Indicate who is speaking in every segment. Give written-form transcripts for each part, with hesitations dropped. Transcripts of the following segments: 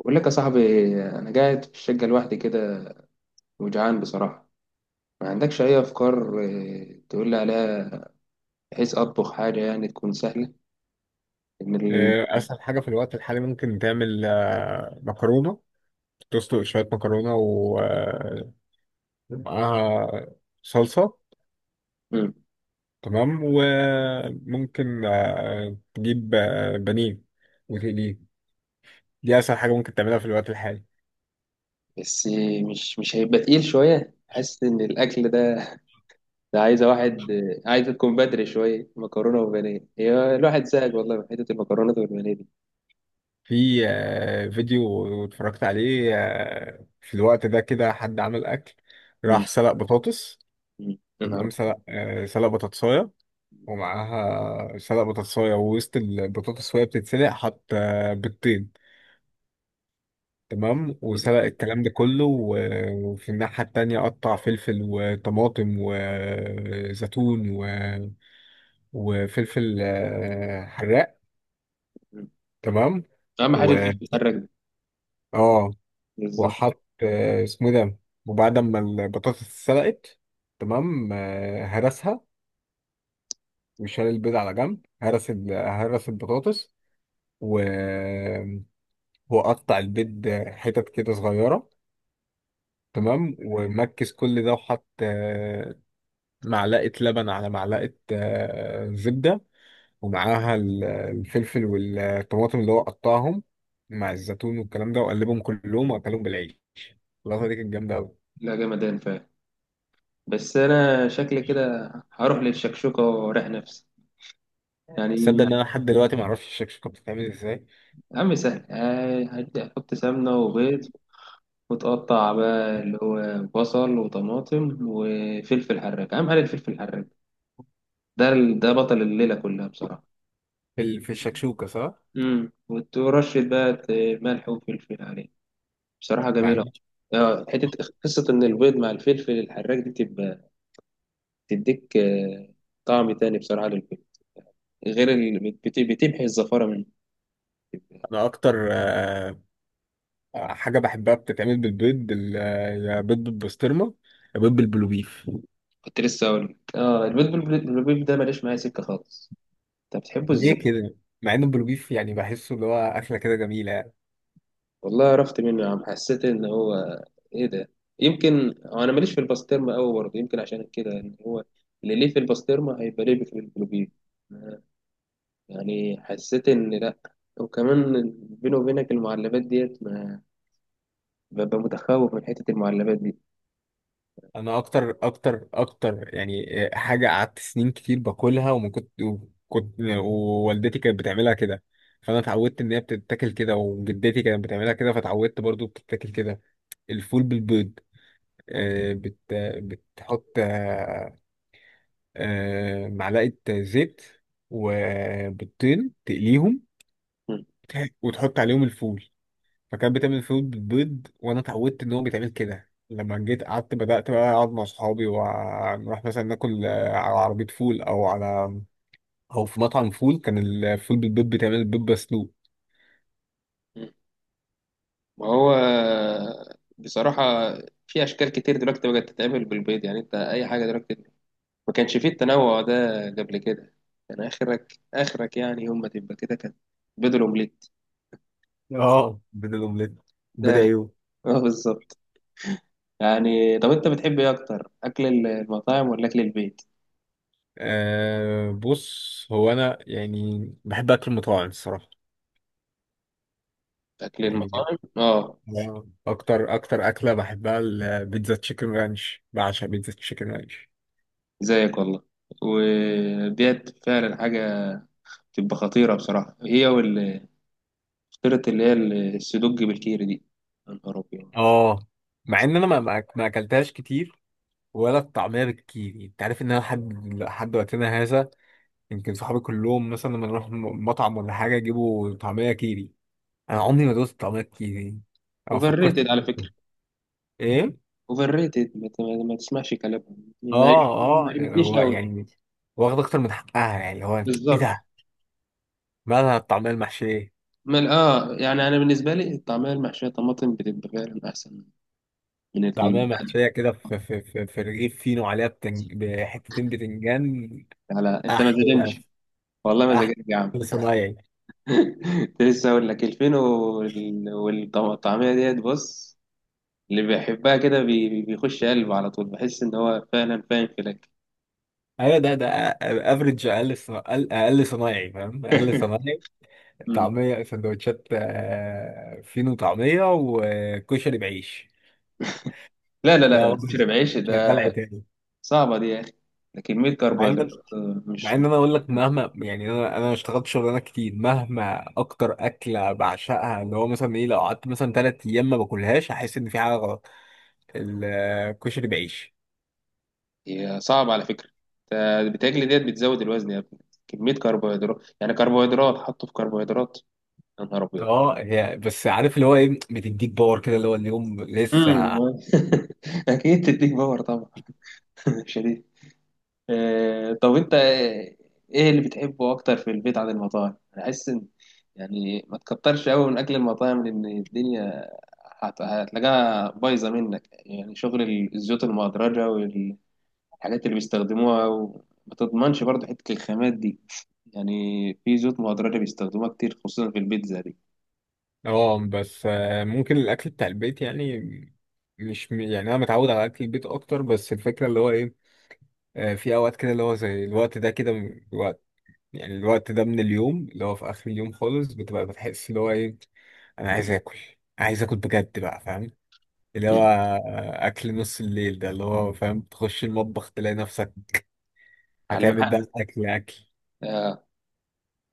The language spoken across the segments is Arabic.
Speaker 1: بقول لك يا صاحبي، انا قاعد في الشقه لوحدي كده، وجعان بصراحه. ما عندكش اي افكار، تقول لي عليها بحيث اطبخ حاجه يعني تكون سهله. ان
Speaker 2: اسهل حاجه في الوقت الحالي ممكن تعمل مكرونه. تسلق شويه مكرونه ومعاها صلصه.
Speaker 1: مم.
Speaker 2: تمام، وممكن تجيب بانيه وتقليه. دي اسهل حاجه ممكن تعملها في الوقت الحالي.
Speaker 1: بس مش هيبقى تقيل شويه، حاسس ان الاكل ده عايزه واحد، عايزه تكون بدري شويه. مكرونه وبانيه، هي الواحد زهق والله من حته المكرونات والبانيه دي.
Speaker 2: في فيديو اتفرجت عليه في الوقت ده كده حد عمل اكل،
Speaker 1: مم.
Speaker 2: راح سلق بطاطس.
Speaker 1: مم. يا نهار
Speaker 2: تمام،
Speaker 1: أبيض.
Speaker 2: سلق بطاطسايه، ومعاها سلق بطاطساية، ووسط البطاطس وهي بتتسلق حط بيضتين. تمام،
Speaker 1: يا
Speaker 2: وسلق
Speaker 1: نهار
Speaker 2: الكلام ده كله، و- وفي الناحية التانية قطع فلفل وطماطم وزيتون، و... وفلفل حراق.
Speaker 1: أبيض.
Speaker 2: تمام،
Speaker 1: اهم حاجه الفيش
Speaker 2: و
Speaker 1: المحرك ده.
Speaker 2: اه
Speaker 1: بالظبط.
Speaker 2: وحط اسمه إيه ده، وبعد ما البطاطس اتسلقت، تمام، هرسها، وشال البيض على جنب، هرس البطاطس، و وقطع البيض حتت كده صغيرة.
Speaker 1: مم.
Speaker 2: تمام، ومكس كل ده وحط معلقة لبن على معلقة زبدة، ومعاها الفلفل والطماطم اللي هو قطعهم، مع الزيتون والكلام ده، وقلبهم كلهم وأكلهم بالعيش. اللقطة دي كانت جامدة أوي.
Speaker 1: لا جمدان فعلا. بس انا شكلي كده هروح للشكشوكه واريح نفسي
Speaker 2: تصدق
Speaker 1: يعني.
Speaker 2: إن أنا لحد دلوقتي معرفش الشكشوكة بتتعمل إزاي؟
Speaker 1: يا عم سهل، هدي أحط سمنة وبيض، وتقطع بقى اللي هو بصل وطماطم وفلفل حراج. أهم حاجة الفلفل الحراج ده، ده بطل الليلة كلها بصراحة.
Speaker 2: في الشكشوكة، صح؟
Speaker 1: امم، وترشد بقى ملح وفلفل عليه. بصراحة
Speaker 2: مع
Speaker 1: جميلة.
Speaker 2: إن
Speaker 1: اه حتة قصة إن البيض مع الفلفل الحراج دي، تبقى تديك، طعم تاني بصراحة للبيض، غير بتمحي الزفارة منه.
Speaker 2: أنا أكتر حاجة بحبها بتتعمل بالبيض، يا بيض بالبسطرمة يا بيض بالبلوبيف.
Speaker 1: كنت لسه أقول لك. اه، البيض بالبيض ده ماليش معايا سكة خالص. أنت بتحبه
Speaker 2: ليه
Speaker 1: إزاي؟
Speaker 2: كده؟ مع ان البلوبيف يعني بحسه اللي هو اكله كده جميله يعني.
Speaker 1: والله عرفت منه يا عم، حسيت ان هو، ايه ده، يمكن انا ماليش في البسطرمه قوي برضه، يمكن عشان كده، ان هو اللي ليه في البسطرمه هيبقى ليه في الجلوبيب، يعني حسيت ان لا. وكمان بيني وبينك المعلبات ديت، ما ببقى متخوف من حته المعلبات دي.
Speaker 2: انا اكتر اكتر اكتر يعني حاجه قعدت سنين كتير باكلها، وما كنت وكنت ووالدتي كانت بتعملها كده، فانا اتعودت ان هي بتتاكل كده، وجدتي كانت بتعملها كده فاتعودت برضو بتتاكل كده. الفول بالبيض، آه، بت بتحط معلقه زيت وبيضتين تقليهم
Speaker 1: مم.
Speaker 2: وتحط عليهم الفول. فكان بيتعمل فول بالبيض وانا اتعودت ان هو بيتعمل كده. لما جيت قعدت بدأت بقى اقعد مع صحابي ونروح مثلا ناكل على عربية فول او في مطعم فول، كان الفول بالبيض بيتعمل بيض مسلوق.
Speaker 1: مم. ما هو بصراحه في اشكال كتير دلوقتي بقت تتعمل بالبيض، يعني انت اي حاجه دلوقتي. ما كانش فيه التنوع ده قبل كده، كان اخرك يعني، يوم ما تبقى كده، كان بيض الاومليت
Speaker 2: اه، بدل الاومليت بيض
Speaker 1: داخل.
Speaker 2: عيون.
Speaker 1: اه بالظبط. يعني طب انت بتحب ايه اكتر، اكل المطاعم ولا اكل البيت؟
Speaker 2: أه بص، هو انا يعني بحب اكل المطاعم الصراحة.
Speaker 1: اكل
Speaker 2: يعني
Speaker 1: المطاعم، اه.
Speaker 2: أنا اكتر اكلة بحبها البيتزا تشيكن رانش، بعشق بيتزا تشيكن رانش.
Speaker 1: زيك والله. وديت فعلا حاجه بتبقى خطيره بصراحه، هي فطيره اللي هي السدوج بالكيري دي. يا نهار ابيض.
Speaker 2: اه، مع ان انا ما اكلتهاش كتير، ولا الطعمية بالكيري. انت عارف ان انا لحد وقتنا هذا، يمكن صحابي كلهم مثلا لما نروح مطعم ولا حاجة يجيبوا طعمية كيري، انا عمري ما دوست طعمية كيري او
Speaker 1: اوفر
Speaker 2: فكرت إن
Speaker 1: ريتد على
Speaker 2: أنا- أدوق.
Speaker 1: فكره.
Speaker 2: ايه؟
Speaker 1: اوفر ريتد، ما تسمعش كلامهم،
Speaker 2: اه،
Speaker 1: ما
Speaker 2: اه
Speaker 1: عجبتنيش
Speaker 2: هو
Speaker 1: قوي.
Speaker 2: يعني واخد اكتر من حقها يعني هو. ايه
Speaker 1: بالظبط.
Speaker 2: ده، مالها الطعمية المحشية؟
Speaker 1: مال، اه يعني انا بالنسبه لي الطعميه المحشيه طماطم بتبقى فعلا احسن من
Speaker 2: طعمية محشية كده في رغيف فينو، عليها بحتتين بتنجان.
Speaker 1: على انت ما
Speaker 2: احلى.
Speaker 1: تهدمش. والله ما
Speaker 2: احلى.
Speaker 1: زجاج يا عم.
Speaker 2: صنايعي.
Speaker 1: كنت لسه اقول لك. 2000 والطعميه ديت بص، اللي بيحبها كده بيخش قلبه على طول، بحس ان هو فعلا فاهم في الاكل.
Speaker 2: ايوه، ده افريج، اقل ص- اقل أقل صنايعي فاهم، اقل صنايعي.
Speaker 1: مم.
Speaker 2: طعمية سندوتشات فينو، طعمية وكشري بعيش.
Speaker 1: لا لا
Speaker 2: ده
Speaker 1: لا، كشري
Speaker 2: وجبي،
Speaker 1: بعيش
Speaker 2: شغال
Speaker 1: ده
Speaker 2: عتاني.
Speaker 1: صعبه دي يا اخي. ده كميه
Speaker 2: مع
Speaker 1: كربوهيدرات،
Speaker 2: ان مع
Speaker 1: مش
Speaker 2: ان
Speaker 1: مش
Speaker 2: انا اقول لك، مهما يعني، انا اشتغلت شغلانات كتير، مهما اكتر اكله بعشقها اللي هو مثلا ايه، لو قعدت مثلا 3 ايام ما باكلهاش احس ان في حاجه غلط. الكشري بعيش.
Speaker 1: هي صعبه على فكره. ده بتاكل ديت بتزود الوزن يا ابني، كميه كربوهيدرات، يعني كربوهيدرات حطوا في كربوهيدرات. يا نهار ابيض.
Speaker 2: اه هي بس، عارف اللي هو ايه، بتديك باور كده اللي هو اليوم
Speaker 1: مم.
Speaker 2: لسه.
Speaker 1: اكيد تديك باور طبعا. شديد. طب انت ايه اللي بتحبه اكتر في البيت عن المطاعم؟ انا حاسس ان، يعني ما تكترش قوي من اكل المطاعم، لان الدنيا هتلاقيها بايظه منك، يعني شغل الزيوت المهدرجه والحاجات اللي بيستخدموها، وما تضمنش برضه حته الخامات دي يعني. في زيوت مهدرجه بيستخدموها كتير، خصوصا في البيتزا دي.
Speaker 2: اه بس ممكن الاكل بتاع البيت يعني. مش يعني انا متعود على اكل البيت اكتر، بس الفكره اللي هو ايه، في اوقات كده اللي هو زي الوقت ده كده، من الوقت يعني، الوقت ده من اليوم اللي هو في اخر اليوم خالص بتبقى بتحس اللي هو ايه، انا عايز اكل، عايز اكل بجد بقى فاهم، اللي هو اكل نص الليل ده اللي هو فاهم، تخش المطبخ تلاقي نفسك
Speaker 1: على
Speaker 2: هتعمل
Speaker 1: المحل.
Speaker 2: بقى اكل اكل.
Speaker 1: اه.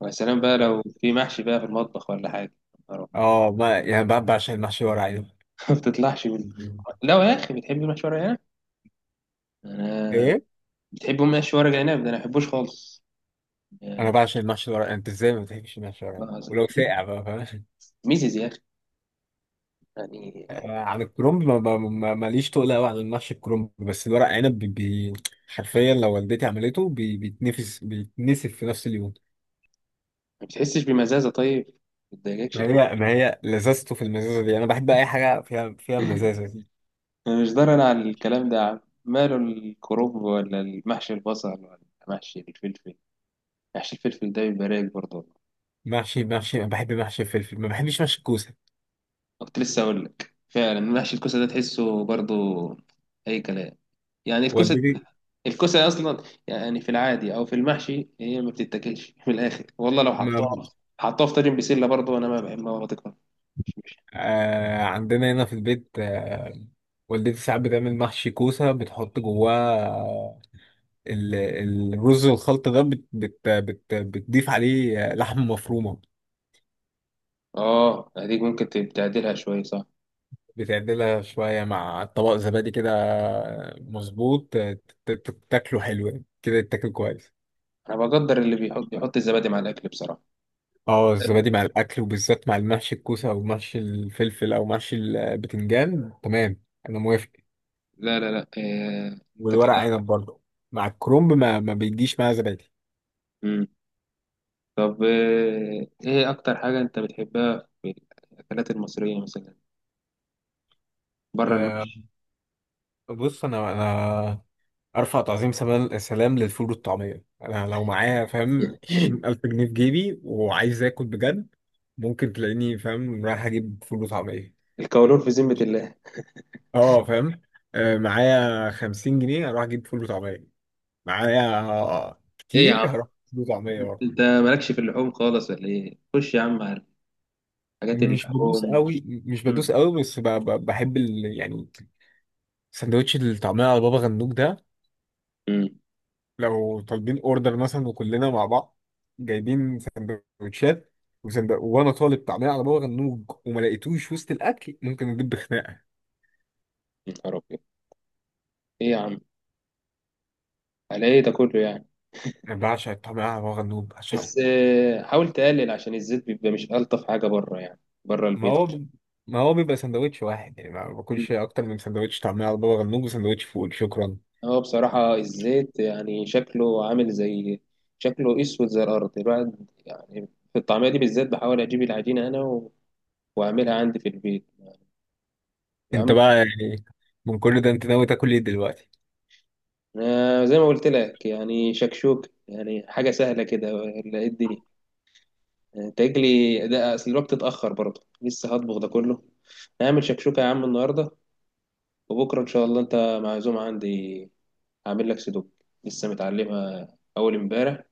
Speaker 1: ويا سلام بقى لو في محشي بقى في المطبخ ولا حاجه، يا نهار أبيض.
Speaker 2: اه، ما يعني بقى بعشق المحشي ورق عنب.
Speaker 1: ما بتطلعش من، لا يا اخي بتحب المحشي ورق عنب؟ انا
Speaker 2: ايه؟
Speaker 1: بتحبوا محشي ورق عنب ده، انا ما بحبوش خالص،
Speaker 2: انا
Speaker 1: يا
Speaker 2: بعشق المحشي ورق، انت ازاي ما بتحبش المحشي ورق
Speaker 1: الله
Speaker 2: عنب؟
Speaker 1: العظيم.
Speaker 2: ولو ساقع بقى فاهم.
Speaker 1: ميزز يا اخي يعني.
Speaker 2: عن الكرنب، ماليش تقل قوي عن المحشي الكرنب، بس الورق عنب حرفيا لو والدتي عملته بي بيتنفس بيتنسف في نفس اليوم.
Speaker 1: ما بتحسش بمزازه؟ طيب ما بتضايقكش
Speaker 2: ما
Speaker 1: الحوار؟
Speaker 2: هي ما هي لذته في المزازه دي، انا بحب اي حاجه فيها مزازه دي.
Speaker 1: انا مش ضرر على الكلام ده يا عم. ماله الكرنب، ولا المحشي البصل، ولا محشي الفلفل. محشي الفلفل ده بيبقى رايق برضه والله.
Speaker 2: محشي انا بحب محشي الفلفل، ما بحبش محشي الكوسه.
Speaker 1: كنت لسه اقول لك، فعلا محشي الكوسه ده تحسه برضه اي كلام يعني. الكوسه
Speaker 2: والدتي،
Speaker 1: الكوسه اصلا يعني، في العادي او في المحشي، هي ما بتتاكلش من الاخر والله. لو
Speaker 2: ما،
Speaker 1: حطها في طاجن بسله برضه انا ما بحبها، ولا تكره، مش.
Speaker 2: عندنا هنا في البيت، والدتي ساعات بتعمل محشي كوسه، بتحط جواه ال- الرز الخلط ده، بت بت بت بتضيف عليه لحمه مفرومه،
Speaker 1: اه هديك ممكن تعدلها شوية صح؟
Speaker 2: بتعدلها شوية مع طبق زبادي كده مظبوط، تاكله حلو يعني. كده يتاكل كويس.
Speaker 1: انا بقدر اللي يحط الزبادي مع الاكل بصراحة.
Speaker 2: اه الزبادي مع الأكل، وبالذات مع المحشي الكوسة أو محشي الفلفل أو محشي البتنجان، تمام، أنا موافق.
Speaker 1: لا لا لا، انت
Speaker 2: والورق
Speaker 1: كده.
Speaker 2: عنب برضه مع الكرنب ما بيجيش مع زبادي.
Speaker 1: مم. طب ايه اكتر حاجة انت بتحبها في الاكلات المصرية مثلا بره
Speaker 2: أه
Speaker 1: المحشي؟
Speaker 2: بص، أنا أرفع تعظيم سلام سلام للفول والطعمية. أنا لو معايا فاهم 20,000 جنيه في جيبي وعايز آكل بجد، ممكن تلاقيني فاهم رايح أجيب فول وطعمية.
Speaker 1: الكولون في ذمة الله.
Speaker 2: اه فاهم، معايا 50 جنيه هروح اجيب فول وطعميه، معايا
Speaker 1: ايه يا
Speaker 2: كتير
Speaker 1: عم،
Speaker 2: هروح أجيب فول وطعميه برضه.
Speaker 1: انت مالكش في اللحوم خالص ولا ايه؟ خش يا عم على حاجات
Speaker 2: مش بدوس
Speaker 1: اللحوم.
Speaker 2: قوي، مش بدوس قوي، بس بحب يعني سندوتش الطعميه على بابا غنوج ده.
Speaker 1: امم.
Speaker 2: لو طالبين اوردر مثلا وكلنا مع بعض، جايبين سندوتشات، وانا طالب طعميه على بابا غنوج وما لقيتوش وسط الاكل، ممكن اجيب بخناقه.
Speaker 1: يا نهار أبيض. ايه يا عم، على ايه ده كله يعني؟
Speaker 2: انا بعشق الطعميه على بابا غنوج، بعشقه.
Speaker 1: بس، حاول تقلل، عشان الزيت بيبقى مش ألطف حاجة بره يعني، بره
Speaker 2: ما
Speaker 1: البيت.
Speaker 2: هو ب- ما هو بيبقى سندوتش واحد يعني، ما
Speaker 1: مم.
Speaker 2: باكلش اكتر من سندوتش طعميه على بابا غنوج وسندوتش فول شكرا.
Speaker 1: هو بصراحة الزيت يعني شكله عامل زي، شكله أسود زي الأرض الواحد يعني. في الطعمية دي بالذات بحاول أجيب العجينة أنا، وأعملها عندي في البيت يا
Speaker 2: انت
Speaker 1: عم.
Speaker 2: بقى يعني من كل ده انت ناوي تاكل ايه دلوقتي؟
Speaker 1: أنا زي ما قلت لك يعني يعني حاجة سهلة كده، ولا إيه الدنيا؟ أنت تجلي ده، أصل الوقت اتأخر برضه، لسه هطبخ ده كله. هعمل شكشوكة يا عم النهاردة، وبكرة إن شاء الله أنت معزوم عندي. هعمل لك سدوك، لسه متعلمها أول امبارح،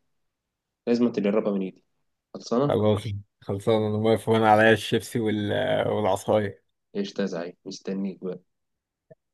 Speaker 1: لازم تجربها من إيدي. خلصانة؟
Speaker 2: خلاص، خلصان، انا واقف وانا عليا الشيبسي وال- والعصايه.
Speaker 1: قشطة يا زعيم، مستنيك بقى.